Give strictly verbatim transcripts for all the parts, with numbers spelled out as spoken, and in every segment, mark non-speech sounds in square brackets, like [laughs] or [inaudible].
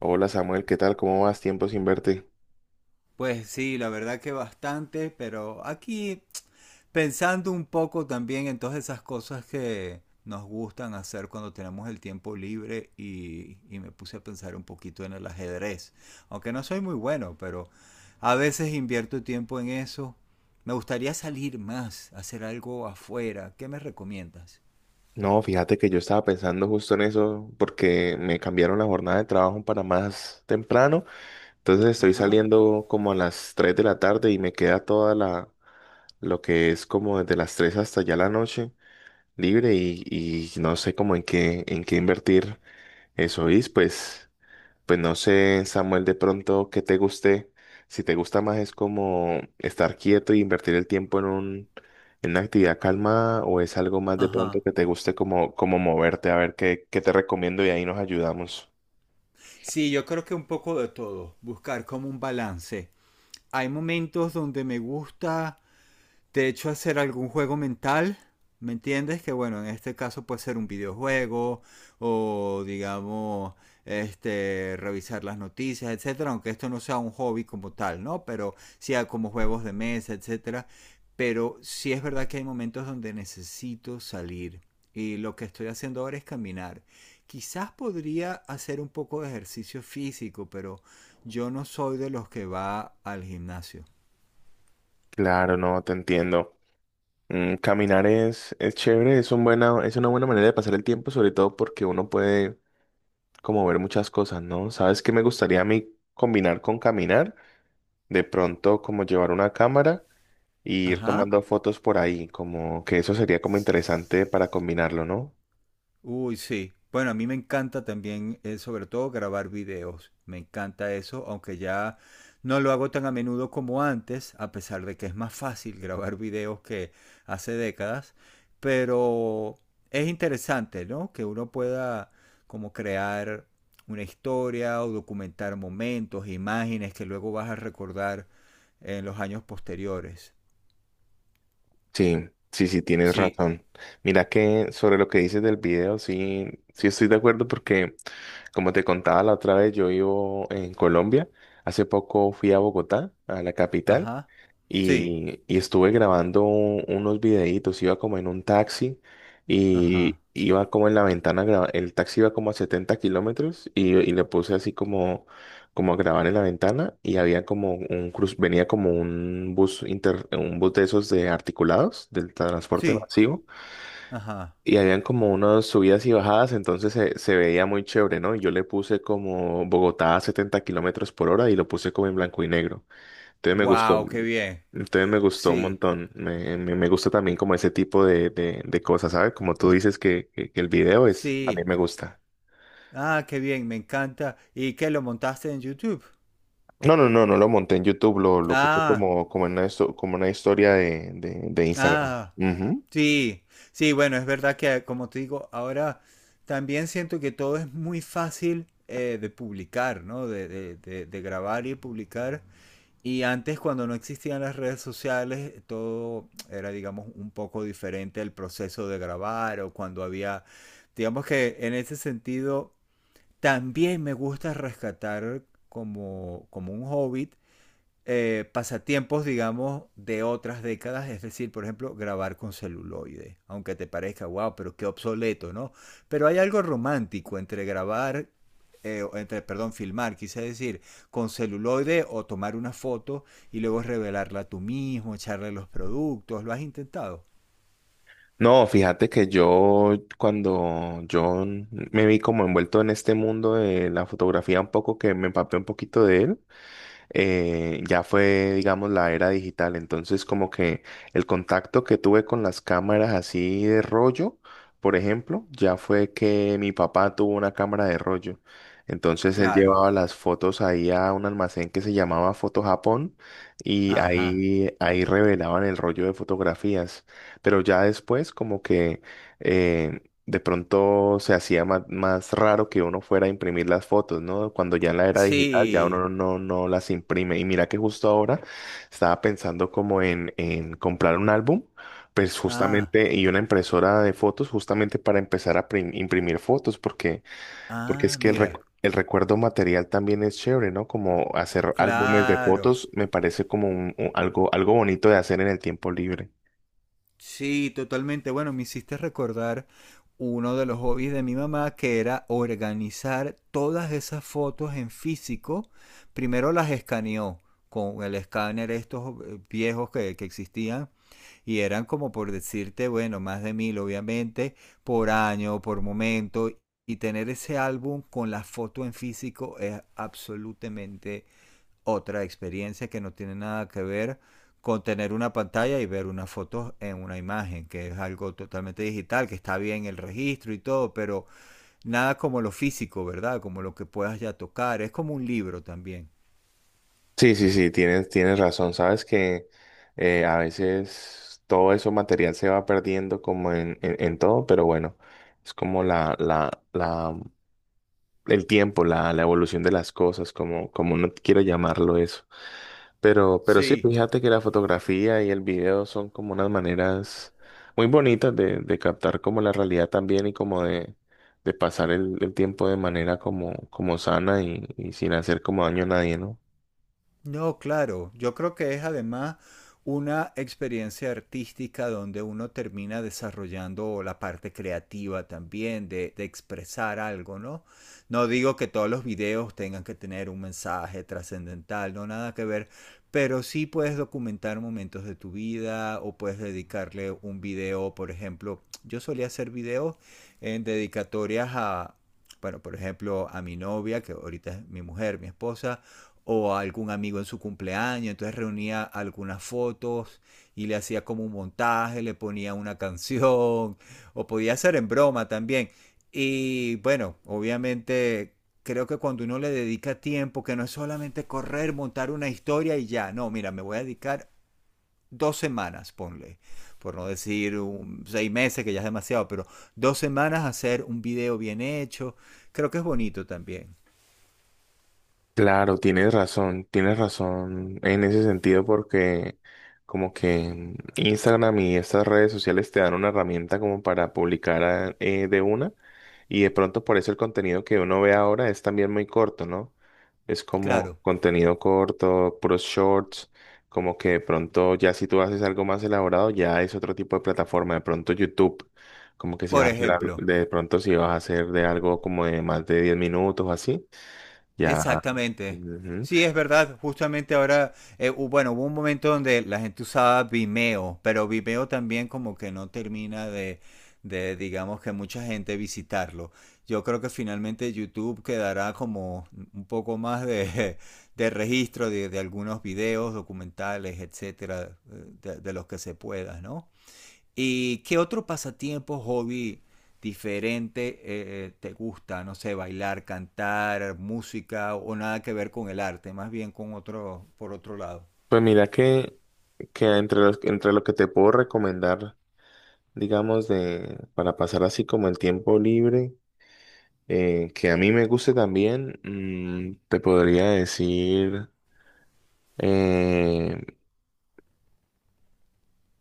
Hola Samuel, ¿qué tal? ¿Cómo vas? Tiempo sin verte. Pues sí, la verdad que bastante, pero aquí pensando un poco también en todas esas cosas que nos gustan hacer cuando tenemos el tiempo libre y, y me puse a pensar un poquito en el ajedrez, aunque no soy muy bueno, pero a veces invierto tiempo en eso. Me gustaría salir más, hacer algo afuera. ¿Qué me recomiendas? No, fíjate que yo estaba pensando justo en eso porque me cambiaron la jornada de trabajo para más temprano. Entonces estoy Ajá. saliendo como a las tres de la tarde y me queda toda la, lo que es como desde las tres hasta ya la noche libre y, y no sé cómo en qué, en qué invertir eso. Y pues Pues no sé, Samuel, de pronto que te guste. Si te gusta más es como estar quieto y invertir el tiempo en un, en una actividad calma, o es algo más de pronto Ajá. que te guste como, como moverte, a ver qué, qué te recomiendo y ahí nos ayudamos. Sí, yo creo que un poco de todo, buscar como un balance. Hay momentos donde me gusta de hecho hacer algún juego mental, ¿me entiendes? Que bueno, en este caso puede ser un videojuego o digamos este revisar las noticias, etcétera, aunque esto no sea un hobby como tal, ¿no? Pero sea como juegos de mesa, etcétera, pero sí es verdad que hay momentos donde necesito salir y lo que estoy haciendo ahora es caminar. Quizás podría hacer un poco de ejercicio físico, pero yo no soy de los que va al gimnasio. Claro, no, te entiendo. Mm, caminar es, es chévere, es un buena, es una buena manera de pasar el tiempo, sobre todo porque uno puede como ver muchas cosas, ¿no? ¿Sabes qué me gustaría a mí combinar con caminar? De pronto, como llevar una cámara y ir Ajá. tomando fotos por ahí, como que eso sería como interesante para combinarlo, ¿no? Uy, sí. Bueno, a mí me encanta también, eh, sobre todo, grabar videos. Me encanta eso, aunque ya no lo hago tan a menudo como antes, a pesar de que es más fácil grabar videos que hace décadas. Pero es interesante, ¿no? Que uno pueda como crear una historia o documentar momentos, imágenes que luego vas a recordar en los años posteriores. Sí, sí, sí, tienes Sí. razón. Mira que sobre lo que dices del video, sí, sí estoy de acuerdo porque, como te contaba la otra vez, yo vivo en Colombia. Hace poco fui a Bogotá, a la capital. Ajá. Sí. y, y estuve grabando un- unos videitos, iba como en un taxi Ajá. y iba como en la ventana, gra- el taxi iba como a setenta kilómetros y, y le puse así como, como a grabar en la ventana, y había como un cruz, venía como un bus inter, un bus de esos de articulados del transporte Sí. masivo, Ajá. y habían como unas subidas y bajadas. Entonces se, se veía muy chévere, ¿no? Y yo le puse como Bogotá a setenta kilómetros por hora y lo puse como en blanco y negro. Entonces me gustó, Wow, qué bien. entonces me gustó un Sí, montón. Me, me, me gusta también como ese tipo de, de, de cosas, ¿sabes? Como tú dices que, que, que el video es, a mí sí. me gusta. Ah, qué bien, me encanta. ¿Y qué lo montaste en YouTube? No, no, no, no lo monté en YouTube, lo, lo puse Ah, como, como en una, histo- como una historia de, de, de Instagram. ah, Ujú. sí. Sí, bueno, es verdad que como te digo, ahora también siento que todo es muy fácil eh, de publicar, ¿no? De, de, de, de grabar y publicar. Y antes, cuando no existían las redes sociales, todo era, digamos, un poco diferente el proceso de grabar o cuando había, digamos que en ese sentido también me gusta rescatar como, como un hobbit eh, pasatiempos, digamos, de otras décadas, es decir, por ejemplo, grabar con celuloide, aunque te parezca, wow, pero qué obsoleto, ¿no? Pero hay algo romántico entre grabar, eh, entre, perdón, filmar, quise decir, con celuloide o tomar una foto y luego revelarla tú mismo, echarle los productos, ¿lo has intentado? No, fíjate que yo, cuando yo me vi como envuelto en este mundo de la fotografía un poco, que me empapé un poquito de él, eh, ya fue, digamos, la era digital. Entonces, como que el contacto que tuve con las cámaras así de rollo, por ejemplo, ya fue que mi papá tuvo una cámara de rollo. Entonces él Claro. llevaba las fotos ahí a un almacén que se llamaba Foto Japón, y Ajá. ahí, ahí revelaban el rollo de fotografías. Pero ya después como que eh, de pronto se hacía más, más raro que uno fuera a imprimir las fotos, ¿no? Cuando ya en la era digital ya Sí. uno no, no, no las imprime. Y mira que justo ahora estaba pensando como en, en comprar un álbum, pues Ah, justamente, y una impresora de fotos justamente para empezar a prim- imprimir fotos, porque, porque es ah, que el, mira. recu- el recuerdo material también es chévere, ¿no? Como hacer álbumes de Claro. fotos me parece como un- un- algo, algo bonito de hacer en el tiempo libre. Sí, totalmente. Bueno, me hiciste recordar uno de los hobbies de mi mamá que era organizar todas esas fotos en físico. Primero las escaneó con el escáner estos eh, viejos que, que existían y eran como por decirte, bueno, más de mil obviamente, por año, por momento. Y tener ese álbum con la foto en físico es absolutamente otra experiencia que no tiene nada que ver con tener una pantalla y ver una foto en una imagen, que es algo totalmente digital, que está bien el registro y todo, pero nada como lo físico, ¿verdad? Como lo que puedas ya tocar. Es como un libro también. Sí, sí, sí, tienes, tienes razón. Sabes que eh, a veces todo eso material se va perdiendo como en, en, en todo, pero bueno, es como la, la, la, el tiempo, la, la evolución de las cosas, como, como no quiera llamarlo eso. Pero, pero sí, Sí, fíjate que la fotografía y el video son como unas maneras muy bonitas de, de captar como la realidad también, y como de, de pasar el, el tiempo de manera como, como sana y, y sin hacer como daño a nadie, ¿no? no, claro, yo creo que es además una experiencia artística donde uno termina desarrollando la parte creativa también de, de expresar algo, ¿no? No digo que todos los videos tengan que tener un mensaje trascendental, no nada que ver, pero sí puedes documentar momentos de tu vida o puedes dedicarle un video, por ejemplo, yo solía hacer videos en dedicatorias a, bueno, por ejemplo, a mi novia, que ahorita es mi mujer, mi esposa, o a algún amigo en su cumpleaños, entonces reunía algunas fotos y le hacía como un montaje, le ponía una canción, [laughs] o podía hacer en broma también. Y bueno, obviamente creo que cuando uno le dedica tiempo, que no es solamente correr, montar una historia y ya, no, mira, me voy a dedicar dos semanas, ponle, por no decir un- seis meses, que ya es demasiado, pero dos semanas a hacer un video bien hecho, creo que es bonito también. Claro, tienes razón, tienes razón en ese sentido, porque como que Instagram y estas redes sociales te dan una herramienta como para publicar a- eh, de una, y de pronto por eso el contenido que uno ve ahora es también muy corto, ¿no? Es como Claro, contenido corto, puros shorts, como que de pronto ya si tú haces algo más elaborado ya es otro tipo de plataforma, de pronto YouTube, como que si por vas a hacer algo, ejemplo. de pronto si vas a hacer de algo como de más de diez minutos o así, ya. Exactamente. Ujú. Sí, es verdad. Justamente ahora, eh, hu- bueno, hubo un momento donde la gente usaba Vimeo, pero Vimeo también como que no termina de, de, digamos que mucha gente visitarlo. Yo creo que finalmente YouTube quedará como un poco más de, [laughs] de registro de, de algunos videos, documentales, etcétera, eh, de, de los que se pueda, ¿no? ¿Y qué otro pasatiempo, hobby diferente eh, te gusta? No sé, bailar, cantar, música o nada que ver con el arte, más bien con otro, por otro lado. Pues mira que, que entre los, entre lo que te puedo recomendar, digamos, de, para pasar así como el tiempo libre, eh, que a mí me guste también, mm, te podría decir eh,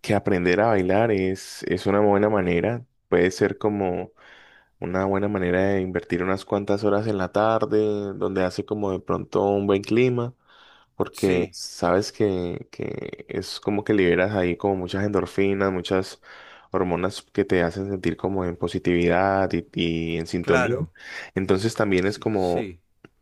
que aprender a bailar es, es una buena manera. Puede ser como una buena manera de invertir unas cuantas horas en la tarde, donde hace como de pronto un buen clima. Porque Sí, sabes que, que es como que liberas ahí como muchas endorfinas, muchas hormonas que te hacen sentir como en positividad y, y en sintonía. claro, Entonces también es sí, como, sí,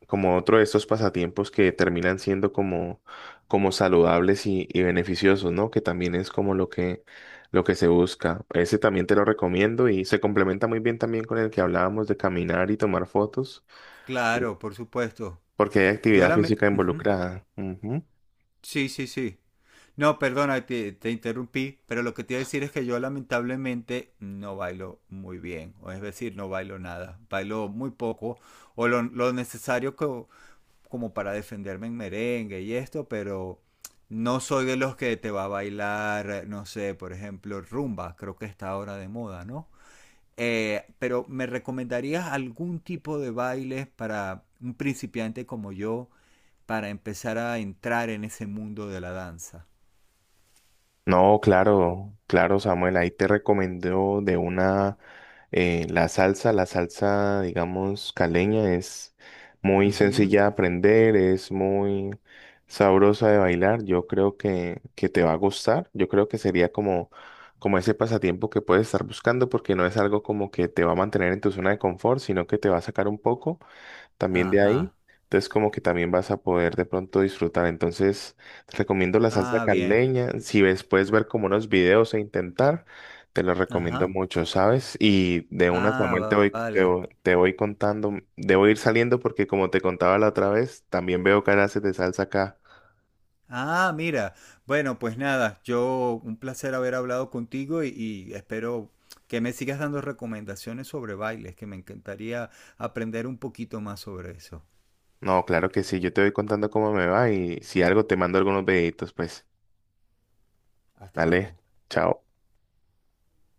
como otro de estos pasatiempos que terminan siendo como, como saludables y, y beneficiosos, ¿no? Que también es como lo que, lo que se busca. Ese también te lo recomiendo, y se complementa muy bien también con el que hablábamos de caminar y tomar fotos, claro, por supuesto. porque hay Yo actividad la me... física Ujú. involucrada. Ujú. Sí, sí, sí. No, perdona, te, te interrumpí, pero lo que te iba a decir es que yo lamentablemente no bailo muy bien, o es decir, no bailo nada, bailo muy poco, o lo, lo necesario que, como para defenderme en merengue y esto, pero no soy de los que te va a bailar, no sé, por ejemplo, rumba, creo que está ahora de moda, ¿no? Eh, pero ¿me recomendarías algún tipo de bailes para un principiante como yo para empezar a entrar en ese mundo de la danza? No, claro, claro, Samuel, ahí te recomendó de una eh, la salsa, la salsa, digamos, caleña es muy Ujú. sencilla de aprender, es muy sabrosa de bailar. Yo creo que, que te va a gustar. Yo creo que sería como, como ese pasatiempo que puedes estar buscando, porque no es algo como que te va a mantener en tu zona de confort, sino que te va a sacar un poco también de ahí. Ajá. Entonces como que también vas a poder de pronto disfrutar. Entonces te recomiendo la salsa Ah, bien. caleña. Si ves, puedes ver como unos videos e intentar, te lo recomiendo Ajá. mucho, ¿sabes? Y de una, Ah, Samuel, te va- voy, te, vale. vo- te voy contando, debo ir saliendo porque como te contaba la otra vez, también veo que haces de salsa acá. Ah, mira. Bueno, pues nada, yo un placer haber hablado contigo y, y espero que me sigas dando recomendaciones sobre bailes, que me encantaría aprender un poquito más sobre eso. No, claro que sí, yo te voy contando cómo me va, y si algo te mando algunos videitos, pues Hasta dale, luego. chao.